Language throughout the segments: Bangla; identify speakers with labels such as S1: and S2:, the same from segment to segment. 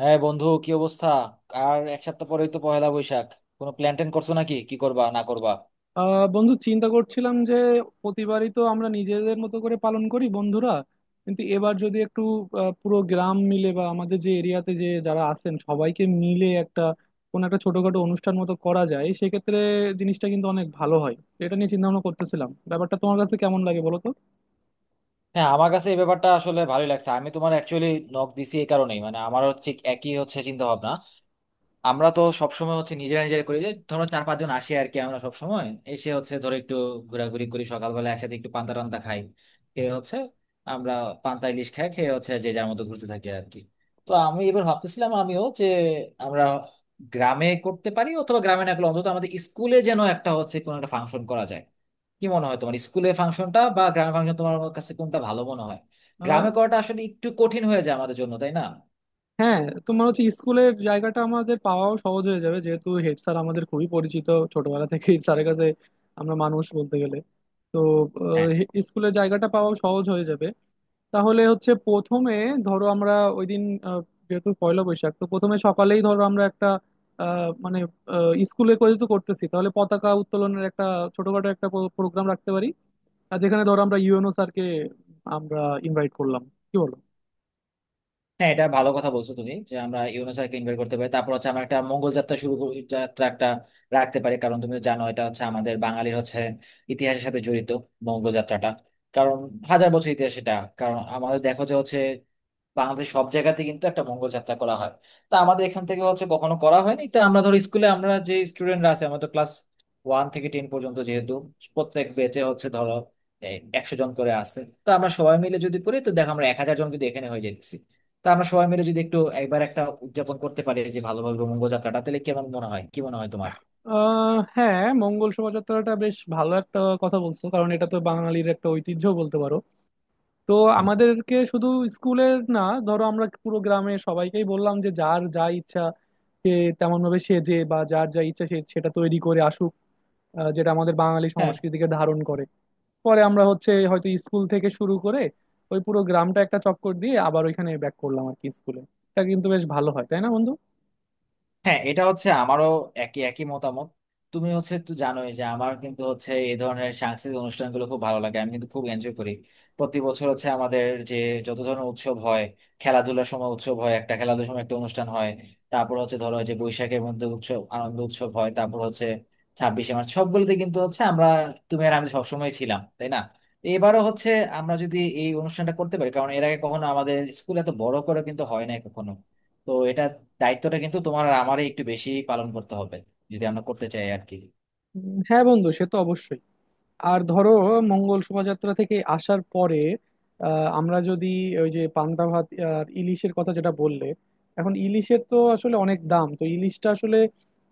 S1: হ্যাঁ বন্ধু, কি অবস্থা? আর এক সপ্তাহ পরেই তো পহেলা বৈশাখ। কোনো প্ল্যান ট্যান করছো নাকি, কি করবা না করবা?
S2: বন্ধু, চিন্তা করছিলাম যে প্রতিবারই তো আমরা নিজেদের মতো করে পালন করি বন্ধুরা, কিন্তু এবার যদি একটু পুরো গ্রাম মিলে বা আমাদের যে এরিয়াতে যে যারা আছেন সবাইকে মিলে একটা কোনো একটা ছোটখাটো অনুষ্ঠান মতো করা যায়, সেক্ষেত্রে জিনিসটা কিন্তু অনেক ভালো হয়। এটা নিয়ে চিন্তা ভাবনা করতেছিলাম, ব্যাপারটা তোমার কাছে কেমন লাগে বলো
S1: হ্যাঁ, আমার কাছে এই ব্যাপারটা আসলে ভালোই লাগছে। আমি তোমার অ্যাকচুয়ালি নক দিছি এই কারণেই, মানে আমারও ঠিক একই হচ্ছে চিন্তা ভাবনা। আমরা তো সবসময় হচ্ছে নিজেরা নিজেরা করি, যে ধরো চার পাঁচজন আসি আর কি। আমরা সবসময় এসে হচ্ছে ধরো একটু ঘোরাঘুরি করি, সকালবেলা একসাথে একটু পান্তা টান্তা খাই, খেয়ে হচ্ছে আমরা পান্তা ইলিশ খাই, খেয়ে হচ্ছে যে যার মতো ঘুরতে থাকি আর কি। তো আমি এবার ভাবতেছিলাম, আমিও যে আমরা গ্রামে করতে পারি, অথবা গ্রামে না করলে অন্তত আমাদের স্কুলে যেন একটা হচ্ছে কোনো একটা ফাংশন করা যায়। কি মনে হয় তোমার, স্কুলে ফাংশনটা বা গ্রামে ফাংশন তোমার কাছে কোনটা ভালো মনে হয়?
S2: তো।
S1: গ্রামে করাটা আসলে একটু কঠিন হয়ে যায় আমাদের জন্য, তাই না?
S2: হ্যাঁ, তোমার হচ্ছে স্কুলের জায়গাটা আমাদের পাওয়াও সহজ হয়ে যাবে, যেহেতু হেড স্যার আমাদের খুবই পরিচিত, ছোটবেলা থেকে স্যারের কাছে আমরা মানুষ বলতে গেলে। তো
S1: হ্যাঁ।
S2: স্কুলের জায়গাটা পাওয়াও সহজ হয়ে যাবে। তাহলে হচ্ছে প্রথমে ধরো আমরা ওই দিন, আহ, যেহেতু পয়লা বৈশাখ, তো প্রথমে সকালেই ধরো আমরা একটা আহ, মানে স্কুলে করে তো করতেছি, তাহলে পতাকা উত্তোলনের একটা ছোটখাটো একটা প্রোগ্রাম রাখতে পারি। আর যেখানে ধরো আমরা ইউএনও স্যারকে আমরা ইনভাইট করলাম। কি বলো?
S1: হ্যাঁ, এটা ভালো কথা বলছো তুমি যে আমরা ইউনেস্কোকে ইনভাইট করতে পারি। তারপর হচ্ছে আমরা একটা মঙ্গল যাত্রা যাত্রা একটা রাখতে পারি, কারণ তুমি জানো এটা হচ্ছে আমাদের বাঙালির হচ্ছে ইতিহাসের সাথে জড়িত, মঙ্গল যাত্রাটা। কারণ হাজার বছর ইতিহাস এটা। কারণ আমাদের দেখো যে হচ্ছে বাংলাদেশ সব জায়গাতে কিন্তু একটা মঙ্গল যাত্রা করা হয়, তা আমাদের এখান থেকে হচ্ছে কখনো করা হয়নি। তা আমরা ধর স্কুলে আমরা যে স্টুডেন্টরা আছে, আমাদের ক্লাস 1 থেকে 10 পর্যন্ত যেহেতু প্রত্যেক ব্যাচে হচ্ছে ধরো 100 জন করে আসছে, তো আমরা সবাই মিলে যদি করি তো দেখো আমরা 1,000 জন কিন্তু এখানে হয়ে যেতেছি। তা আমরা সবাই মিলে যদি একটু একবার একটা উদযাপন করতে পারি, যে ভালোভাবে মঙ্গল যাত্রাটা, তাহলে কেমন মনে হয়, কি মনে হয় তোমার?
S2: হ্যাঁ, মঙ্গল শোভাযাত্রাটা বেশ ভালো একটা কথা বলছো, কারণ এটা তো বাঙালির একটা ঐতিহ্য বলতে পারো। তো আমাদেরকে শুধু স্কুলের না, ধরো আমরা পুরো গ্রামে সবাইকেই বললাম যে যার যা ইচ্ছা সে তেমন ভাবে সেজে বা যার যা ইচ্ছা সে সেটা তৈরি করে আসুক, যেটা আমাদের বাঙালি
S1: হুম।
S2: সংস্কৃতিকে ধারণ করে। পরে আমরা হচ্ছে হয়তো স্কুল থেকে শুরু করে ওই পুরো গ্রামটা একটা চক্কর দিয়ে আবার ওইখানে ব্যাক করলাম আর কি, স্কুলে। এটা কিন্তু বেশ ভালো হয়, তাই না বন্ধু?
S1: হ্যাঁ, এটা হচ্ছে আমারও একই একই মতামত। তুমি হচ্ছে তো জানোই যে আমার কিন্তু হচ্ছে এই ধরনের সাংস্কৃতিক অনুষ্ঠানগুলো খুব ভালো লাগে, আমি কিন্তু খুব এনজয় করি। প্রতি বছর হচ্ছে আমাদের যে যত ধরনের উৎসব হয়, খেলাধুলার সময় উৎসব হয়, একটা খেলাধুলার সময় একটা অনুষ্ঠান হয়। তারপর হচ্ছে ধরো যে বৈশাখের মধ্যে উৎসব আনন্দ উৎসব হয়, তারপর হচ্ছে 26শে মার্চ, সবগুলোতে কিন্তু হচ্ছে আমরা, তুমি আর আমি সবসময় ছিলাম, তাই না? এবারও হচ্ছে আমরা যদি এই অনুষ্ঠানটা করতে পারি, কারণ এর আগে কখনো আমাদের স্কুলে এত বড় করে কিন্তু হয় না কখনো। তো এটা দায়িত্বটা কিন্তু তোমার আর আমারই একটু বেশি পালন করতে হবে, যদি আমরা করতে চাই আর কি।
S2: হ্যাঁ বন্ধু, সে তো অবশ্যই। আর ধরো মঙ্গল শোভাযাত্রা থেকে আসার পরে আমরা যদি ওই যে পান্তা ভাত আর ইলিশের কথা যেটা বললে, এখন ইলিশের তো আসলে অনেক দাম, তো ইলিশটা আসলে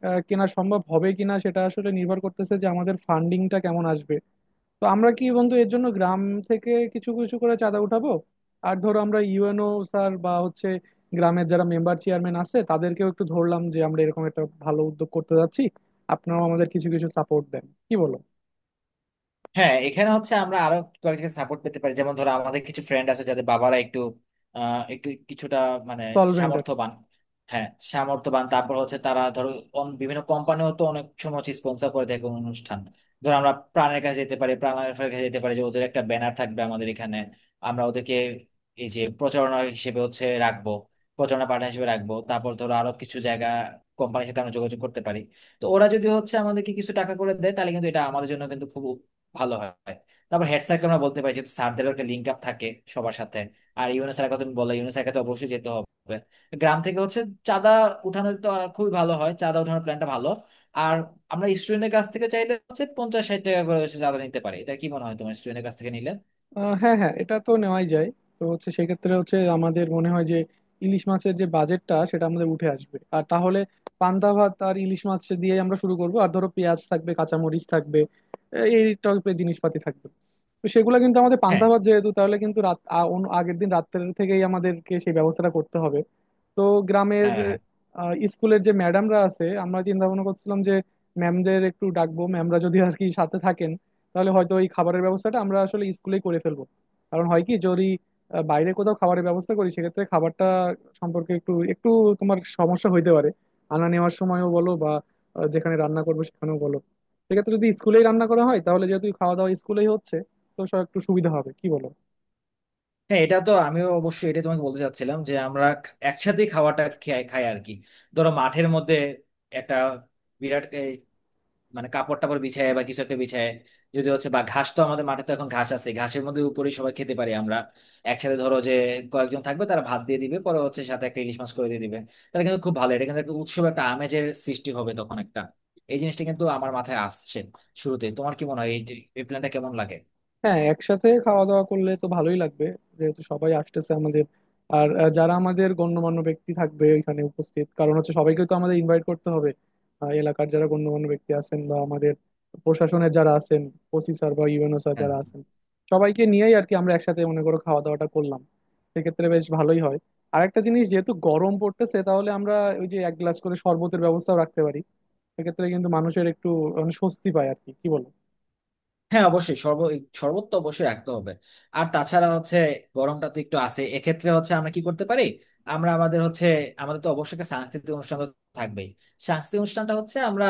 S2: কেনা সম্ভব হবে কিনা সেটা আসলে নির্ভর করতেছে যে আমাদের ফান্ডিংটা কেমন আসবে। তো আমরা কি বন্ধু এর জন্য গ্রাম থেকে কিছু কিছু করে চাঁদা উঠাবো? আর ধরো আমরা ইউএনও স্যার বা হচ্ছে গ্রামের যারা মেম্বার চেয়ারম্যান আছে তাদেরকেও একটু ধরলাম যে আমরা এরকম একটা ভালো উদ্যোগ করতে যাচ্ছি, আপনারাও আমাদের কিছু কিছু সাপোর্ট দেন। কি বলো?
S1: হ্যাঁ, এখানে হচ্ছে আমরা আরো কয়েকজনকে সাপোর্ট পেতে পারি, যেমন ধরো আমাদের কিছু ফ্রেন্ড আছে যাদের বাবারা একটু একটু কিছুটা মানে
S2: সলভেন্ট।
S1: সামর্থ্যবান। হ্যাঁ, সামর্থ্যবান। তারপর হচ্ছে তারা ধরো বিভিন্ন কোম্পানিও তো অনেক সময় হচ্ছে স্পন্সর করে দেয় কোনো অনুষ্ঠান। ধরো আমরা প্রাণের কাছে যেতে পারি, যে ওদের একটা ব্যানার থাকবে আমাদের এখানে, আমরা ওদেরকে এই যে প্রচারণা হিসেবে হচ্ছে রাখবো, প্রচারণা পার্টনার হিসেবে রাখবো। তারপর ধরো আরো কিছু জায়গা, কোম্পানির সাথে আমরা যোগাযোগ করতে পারি। তো ওরা যদি হচ্ছে আমাদেরকে কিছু টাকা করে দেয় তাহলে ভালো হয়। তারপর হেড স্যারকে আমরা বলতে পারি, যেহেতু স্যারদেরও একটা লিঙ্ক আপ থাকে সবার সাথে। আর ইউনুস স্যারের কথা তুমি বললে, ইউনুস স্যারকে তো অবশ্যই যেতে হবে। গ্রাম থেকে হচ্ছে চাঁদা উঠানোর তো আর খুবই ভালো হয়, চাঁদা উঠানোর প্ল্যানটা ভালো। আর আমরা স্টুডেন্টের কাছ থেকে চাইলে হচ্ছে 50-60 টাকা করে হচ্ছে চাঁদা নিতে পারি। এটা কি মনে হয় তোমার, স্টুডেন্টের কাছ থেকে নিলে?
S2: হ্যাঁ হ্যাঁ, এটা তো নেওয়াই যায়। তো হচ্ছে সেক্ষেত্রে হচ্ছে আমাদের মনে হয় যে ইলিশ মাছের যে বাজেটটা সেটা আমাদের উঠে আসবে। আর তাহলে পান্তা ভাত আর ইলিশ মাছ দিয়ে আমরা শুরু করব। আর ধরো পেঁয়াজ থাকবে, কাঁচামরিচ থাকবে, আহ, এই টাইপের জিনিসপাতি থাকবে। তো সেগুলো কিন্তু আমাদের
S1: হ্যাঁ
S2: পান্তা ভাত যেহেতু, তাহলে কিন্তু আগের দিন রাত্রের থেকেই আমাদেরকে সেই ব্যবস্থাটা করতে হবে। তো গ্রামের
S1: হ্যাঁ হ্যাঁ।
S2: স্কুলের যে ম্যাডামরা আছে আমরা চিন্তা ভাবনা করছিলাম যে ম্যামদের একটু ডাকবো, ম্যামরা যদি আর কি সাথে থাকেন তাহলে হয়তো এই খাবারের ব্যবস্থাটা আমরা আসলে স্কুলেই করে ফেলবো। কারণ হয় কি, যদি বাইরে কোথাও খাবারের ব্যবস্থা করি, সেক্ষেত্রে খাবারটা সম্পর্কে একটু একটু তোমার সমস্যা হইতে পারে, আনা নেওয়ার সময়ও বলো বা যেখানে রান্না করবো সেখানেও বলো। সেক্ষেত্রে যদি স্কুলেই রান্না করা হয় তাহলে যেহেতু খাওয়া দাওয়া স্কুলেই হচ্ছে, তো সব একটু সুবিধা হবে। কি বলো?
S1: হ্যাঁ, এটা তো আমিও অবশ্যই, এটা তোমাকে বলতে চাচ্ছিলাম যে আমরা একসাথে খাওয়াটা খাই খাই আর কি। ধরো মাঠের মধ্যে একটা বিরাট মানে কাপড় টাপড় বিছায় বা কিছু একটা বিছায়, যদি হচ্ছে বা ঘাস, তো আমাদের মাঠে তো এখন ঘাস আছে, ঘাসের মধ্যে উপরে সবাই খেতে পারি আমরা একসাথে। ধরো যে কয়েকজন থাকবে তারা ভাত দিয়ে দিবে, পরে হচ্ছে সাথে একটা ইলিশ মাছ করে দিয়ে দিবে। তাহলে কিন্তু খুব ভালো, এটা কিন্তু একটা উৎসব একটা আমেজের সৃষ্টি হবে তখন একটা। এই জিনিসটা কিন্তু আমার মাথায় আসছে শুরুতে। তোমার কি মনে হয়, এই এই প্ল্যানটা কেমন লাগে?
S2: হ্যাঁ, একসাথে খাওয়া দাওয়া করলে তো ভালোই লাগবে, যেহেতু সবাই আসতেছে আমাদের। আর আহ, যারা আমাদের গণ্যমান্য ব্যক্তি থাকবে এখানে উপস্থিত, কারণ হচ্ছে সবাইকে তো আমাদের ইনভাইট করতে হবে। এলাকার যারা গণ্যমান্য ব্যক্তি আছেন বা আমাদের প্রশাসনের যারা আছেন, ওসি স্যার বা ইউএনও স্যার
S1: হ্যাঁ
S2: যারা আছেন, সবাইকে নিয়েই আর কি আমরা একসাথে মনে করো খাওয়া দাওয়াটা করলাম, সেক্ষেত্রে বেশ ভালোই হয়। আর একটা জিনিস, যেহেতু গরম পড়তেছে, তাহলে আমরা ওই যে এক গ্লাস করে শরবতের ব্যবস্থাও রাখতে পারি, সেক্ষেত্রে কিন্তু মানুষের একটু মানে স্বস্তি পায় আর কি। কি বল?
S1: হ্যাঁ, অবশ্যই শরবত, শরবত তো অবশ্যই রাখতে হবে। আর তাছাড়া হচ্ছে গরমটা তো একটু আছে, এক্ষেত্রে হচ্ছে আমরা কি করতে পারি, আমরা আমাদের হচ্ছে, আমাদের তো অবশ্যই একটা সাংস্কৃতিক অনুষ্ঠান তো থাকবেই। সাংস্কৃতিক অনুষ্ঠানটা হচ্ছে আমরা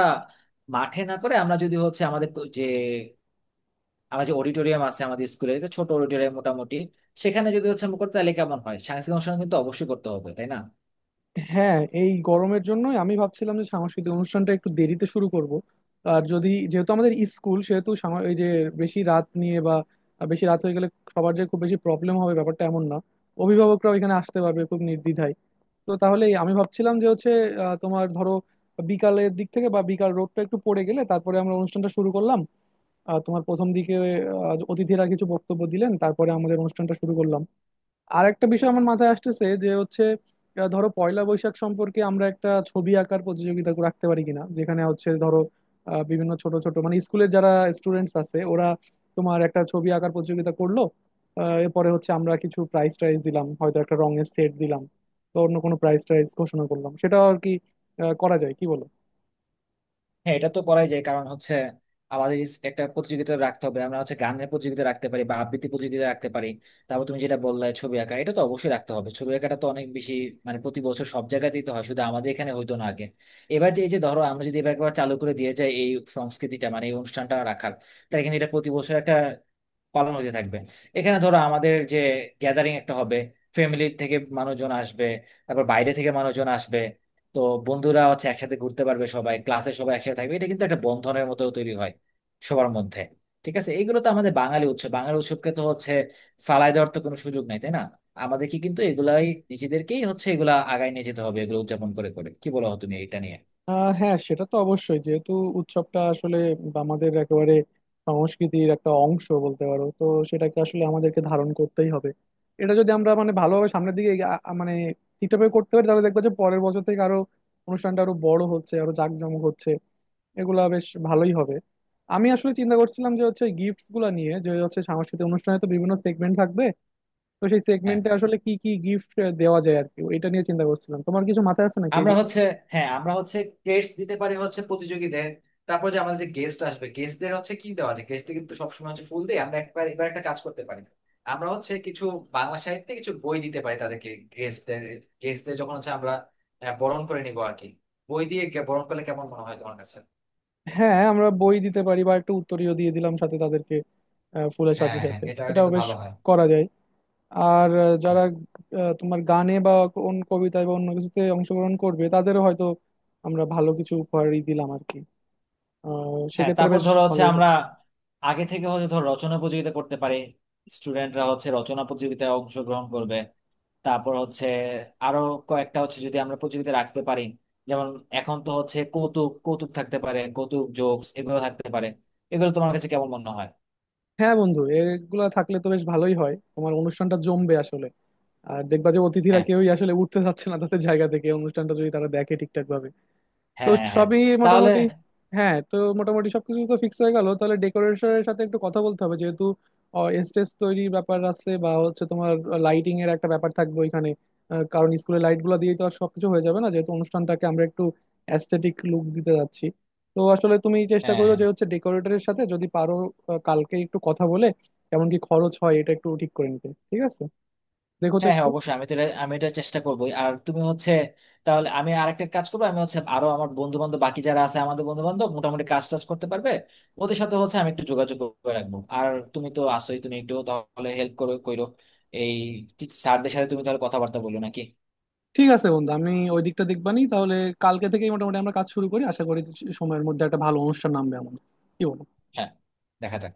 S1: মাঠে না করে, আমরা যদি হচ্ছে আমাদের তো যে আমাদের যে অডিটোরিয়াম আছে আমাদের স্কুলে, ছোট অডিটোরিয়াম মোটামুটি, সেখানে যদি হচ্ছে আমরা করতে তাহলে কেমন হয়? সাংস্কৃতিক অনুষ্ঠান কিন্তু অবশ্যই করতে হবে, তাই না?
S2: হ্যাঁ, এই গরমের জন্যই আমি ভাবছিলাম যে সাংস্কৃতিক অনুষ্ঠানটা একটু দেরিতে শুরু করব। আর যদি যেহেতু আমাদের স্কুল সেহেতু এই যে বেশি রাত নিয়ে বা বেশি রাত হয়ে গেলে সবার যে খুব বেশি প্রবলেম হবে ব্যাপারটা এমন না, অভিভাবকরাও এখানে আসতে পারবে খুব নির্দ্বিধায়। তো তাহলে আমি ভাবছিলাম যে হচ্ছে আহ, তোমার ধরো বিকালের দিক থেকে বা বিকাল রোডটা একটু পড়ে গেলে তারপরে আমরা অনুষ্ঠানটা শুরু করলাম। তোমার প্রথম দিকে অতিথিরা কিছু বক্তব্য দিলেন, তারপরে আমাদের অনুষ্ঠানটা শুরু করলাম। আর একটা বিষয় আমার মাথায় আসতেছে যে হচ্ছে ধরো পয়লা বৈশাখ সম্পর্কে আমরা একটা ছবি আঁকার প্রতিযোগিতা রাখতে পারি কিনা, যেখানে হচ্ছে ধরো বিভিন্ন ছোট ছোট মানে স্কুলের যারা স্টুডেন্টস আছে ওরা তোমার একটা ছবি আঁকার প্রতিযোগিতা করলো। এরপরে হচ্ছে আমরা কিছু প্রাইজ টাইজ দিলাম, হয়তো একটা রঙের সেট দিলাম বা অন্য কোনো প্রাইজ টাইজ ঘোষণা করলাম, সেটাও আর কি করা যায়। কি বলো?
S1: হ্যাঁ, এটা তো করাই যায়, কারণ হচ্ছে আমাদের একটা প্রতিযোগিতা রাখতে হবে। আমরা হচ্ছে গানের প্রতিযোগিতা রাখতে পারি বা আবৃত্তি প্রতিযোগিতা রাখতে পারি। তারপর তুমি যেটা বললে ছবি আঁকা, এটা তো অবশ্যই রাখতে হবে, ছবি আঁকাটা তো অনেক বেশি, মানে প্রতি বছর সব জায়গাতেই তো হয়, শুধু আমাদের এখানে হইতো না আগে। এবার যে এই যে ধরো আমরা যদি এবার একবার চালু করে দিয়ে যাই এই সংস্কৃতিটা, মানে এই অনুষ্ঠানটা রাখার, তাহলে কিন্তু এটা প্রতি বছর একটা পালন হতে থাকবে। এখানে ধরো আমাদের যে গ্যাদারিং একটা হবে, ফ্যামিলি থেকে মানুষজন আসবে, তারপর বাইরে থেকে মানুষজন আসবে। তো বন্ধুরা হচ্ছে একসাথে ঘুরতে পারবে, সবাই ক্লাসে সবাই একসাথে থাকবে, এটা কিন্তু একটা বন্ধনের মতো তৈরি হয় সবার মধ্যে। ঠিক আছে, এগুলো তো আমাদের বাঙালি উৎসব, বাঙালি উৎসবকে তো হচ্ছে ফালায় দেওয়ার তো কোনো সুযোগ নাই, তাই না? আমাদের কি কিন্তু এগুলাই, নিজেদেরকেই হচ্ছে এগুলা আগায় নিয়ে যেতে হবে, এগুলো উদযাপন করে করে। কি বলো তুমি এটা নিয়ে?
S2: হ্যাঁ, সেটা তো অবশ্যই, যেহেতু উৎসবটা আসলে আমাদের একেবারে সংস্কৃতির একটা অংশ বলতে পারো। তো সেটাকে আসলে আমাদেরকে ধারণ করতেই হবে। এটা যদি আমরা মানে ভালোভাবে সামনের দিকে মানে ঠিকঠাকভাবে করতে পারি তাহলে দেখবো যে পরের বছর থেকে আরো অনুষ্ঠানটা আরো বড় হচ্ছে, আরো জাঁকজমক হচ্ছে। এগুলা বেশ ভালোই হবে। আমি আসলে চিন্তা করছিলাম যে হচ্ছে গিফটস গুলা নিয়ে, যে হচ্ছে সাংস্কৃতিক অনুষ্ঠানে তো বিভিন্ন সেগমেন্ট থাকবে, তো সেই
S1: হ্যাঁ
S2: সেগমেন্টে আসলে কি কি গিফট দেওয়া যায় আর কি, এটা নিয়ে চিন্তা করছিলাম। তোমার কিছু মাথায় আছে নাকি এই
S1: আমরা
S2: বিষয়ে?
S1: হচ্ছে হ্যাঁ, আমরা হচ্ছে ক্রেস্ট দিতে পারি হচ্ছে প্রতিযোগীদের। তারপর যে আমাদের যে গেস্ট আসবে গেস্টদের হচ্ছে কি দেওয়া যায়? গেস্টদের কিন্তু সবসময় হচ্ছে ফুল দিয়ে, আমরা একবার এবার একটা কাজ করতে পারি, আমরা হচ্ছে কিছু বাংলা সাহিত্যে কিছু বই দিতে পারি তাদেরকে, গেস্টদের। গেস্টদের যখন হচ্ছে আমরা বরণ করে নিবো আর কি, বই দিয়ে বরণ করলে কেমন মনে হয় তোমার কাছে?
S2: হ্যাঁ, আমরা বই দিতে পারি বা একটা উত্তরীয় দিয়ে দিলাম সাথে তাদেরকে, ফুলের সাথে
S1: হ্যাঁ হ্যাঁ,
S2: সাথে।
S1: এটা
S2: এটাও
S1: কিন্তু
S2: বেশ
S1: ভালো হয়।
S2: করা যায়। আর আহ, যারা তোমার গানে বা কোন কবিতায় বা অন্য কিছুতে অংশগ্রহণ করবে তাদেরও হয়তো আমরা ভালো কিছু উপহারই দিলাম আর কি।
S1: হ্যাঁ,
S2: সেক্ষেত্রে
S1: তারপর
S2: বেশ
S1: ধরো হচ্ছে
S2: ভালোই
S1: আমরা
S2: হয়।
S1: আগে থেকে হচ্ছে ধর রচনা প্রতিযোগিতা করতে পারি, স্টুডেন্টরা হচ্ছে রচনা প্রতিযোগিতায় অংশগ্রহণ করবে। তারপর হচ্ছে আরো কয়েকটা হচ্ছে যদি আমরা প্রতিযোগিতা রাখতে পারি, যেমন এখন তো হচ্ছে কৌতুক কৌতুক থাকতে পারে, কৌতুক জোকস এগুলো থাকতে পারে। এগুলো তোমার কাছে কেমন মনে হয়?
S2: হ্যাঁ বন্ধু, এগুলা থাকলে তো বেশ ভালোই হয়, তোমার অনুষ্ঠানটা জমবে আসলে। আর দেখবা যে অতিথিরা
S1: হ্যাঁ
S2: কেউই আসলে উঠতে চাচ্ছে না তাদের জায়গা থেকে, অনুষ্ঠানটা যদি তারা দেখে ঠিকঠাক ভাবে। তো
S1: হ্যাঁ হ্যাঁ হ্যাঁ।
S2: সবই
S1: তাহলে
S2: মোটামুটি। হ্যাঁ, তো মোটামুটি সবকিছু তো ফিক্স হয়ে গেল। তাহলে ডেকোরেশনের সাথে একটু কথা বলতে হবে, যেহেতু স্টেজ তৈরির ব্যাপার আছে বা হচ্ছে তোমার লাইটিং এর একটা ব্যাপার থাকবে ওইখানে। কারণ স্কুলের লাইট গুলো দিয়ে তো আর সবকিছু হয়ে যাবে না, যেহেতু অনুষ্ঠানটাকে আমরা একটু অ্যাস্থেটিক লুক দিতে যাচ্ছি। তো আসলে তুমি চেষ্টা
S1: হ্যাঁ
S2: করো
S1: হ্যাঁ
S2: যে হচ্ছে ডেকোরেটরের সাথে যদি পারো কালকে একটু কথা বলে কেমন কি খরচ হয় এটা একটু ঠিক করে নিতে। ঠিক আছে? দেখো তো
S1: হ্যাঁ হ্যাঁ,
S2: একটু।
S1: অবশ্যই। আমি তো আমি এটা চেষ্টা করবোই। আর তুমি হচ্ছে, তাহলে আমি আরেকটা কাজ করবো, আমি হচ্ছে আরো আমার বন্ধু বান্ধব বাকি যারা আছে, আমাদের বন্ধু বান্ধব মোটামুটি কাজ টাজ করতে পারবে, ওদের সাথে হচ্ছে আমি একটু যোগাযোগ করে রাখবো। আর তুমি তো আসোই, তুমি একটু তাহলে হেল্প করো কইরো এই, স্যারদের সাথে তুমি তাহলে কথাবার্তা বলো নাকি?
S2: ঠিক আছে বন্ধু, আমি ওই দিকটা দেখবানি তাহলে। কালকে থেকেই মোটামুটি আমরা কাজ শুরু করি, আশা করি সময়ের মধ্যে একটা ভালো অনুষ্ঠান নামবে আমাদের। কি বলো?
S1: হ্যাঁ। দেখা যাক।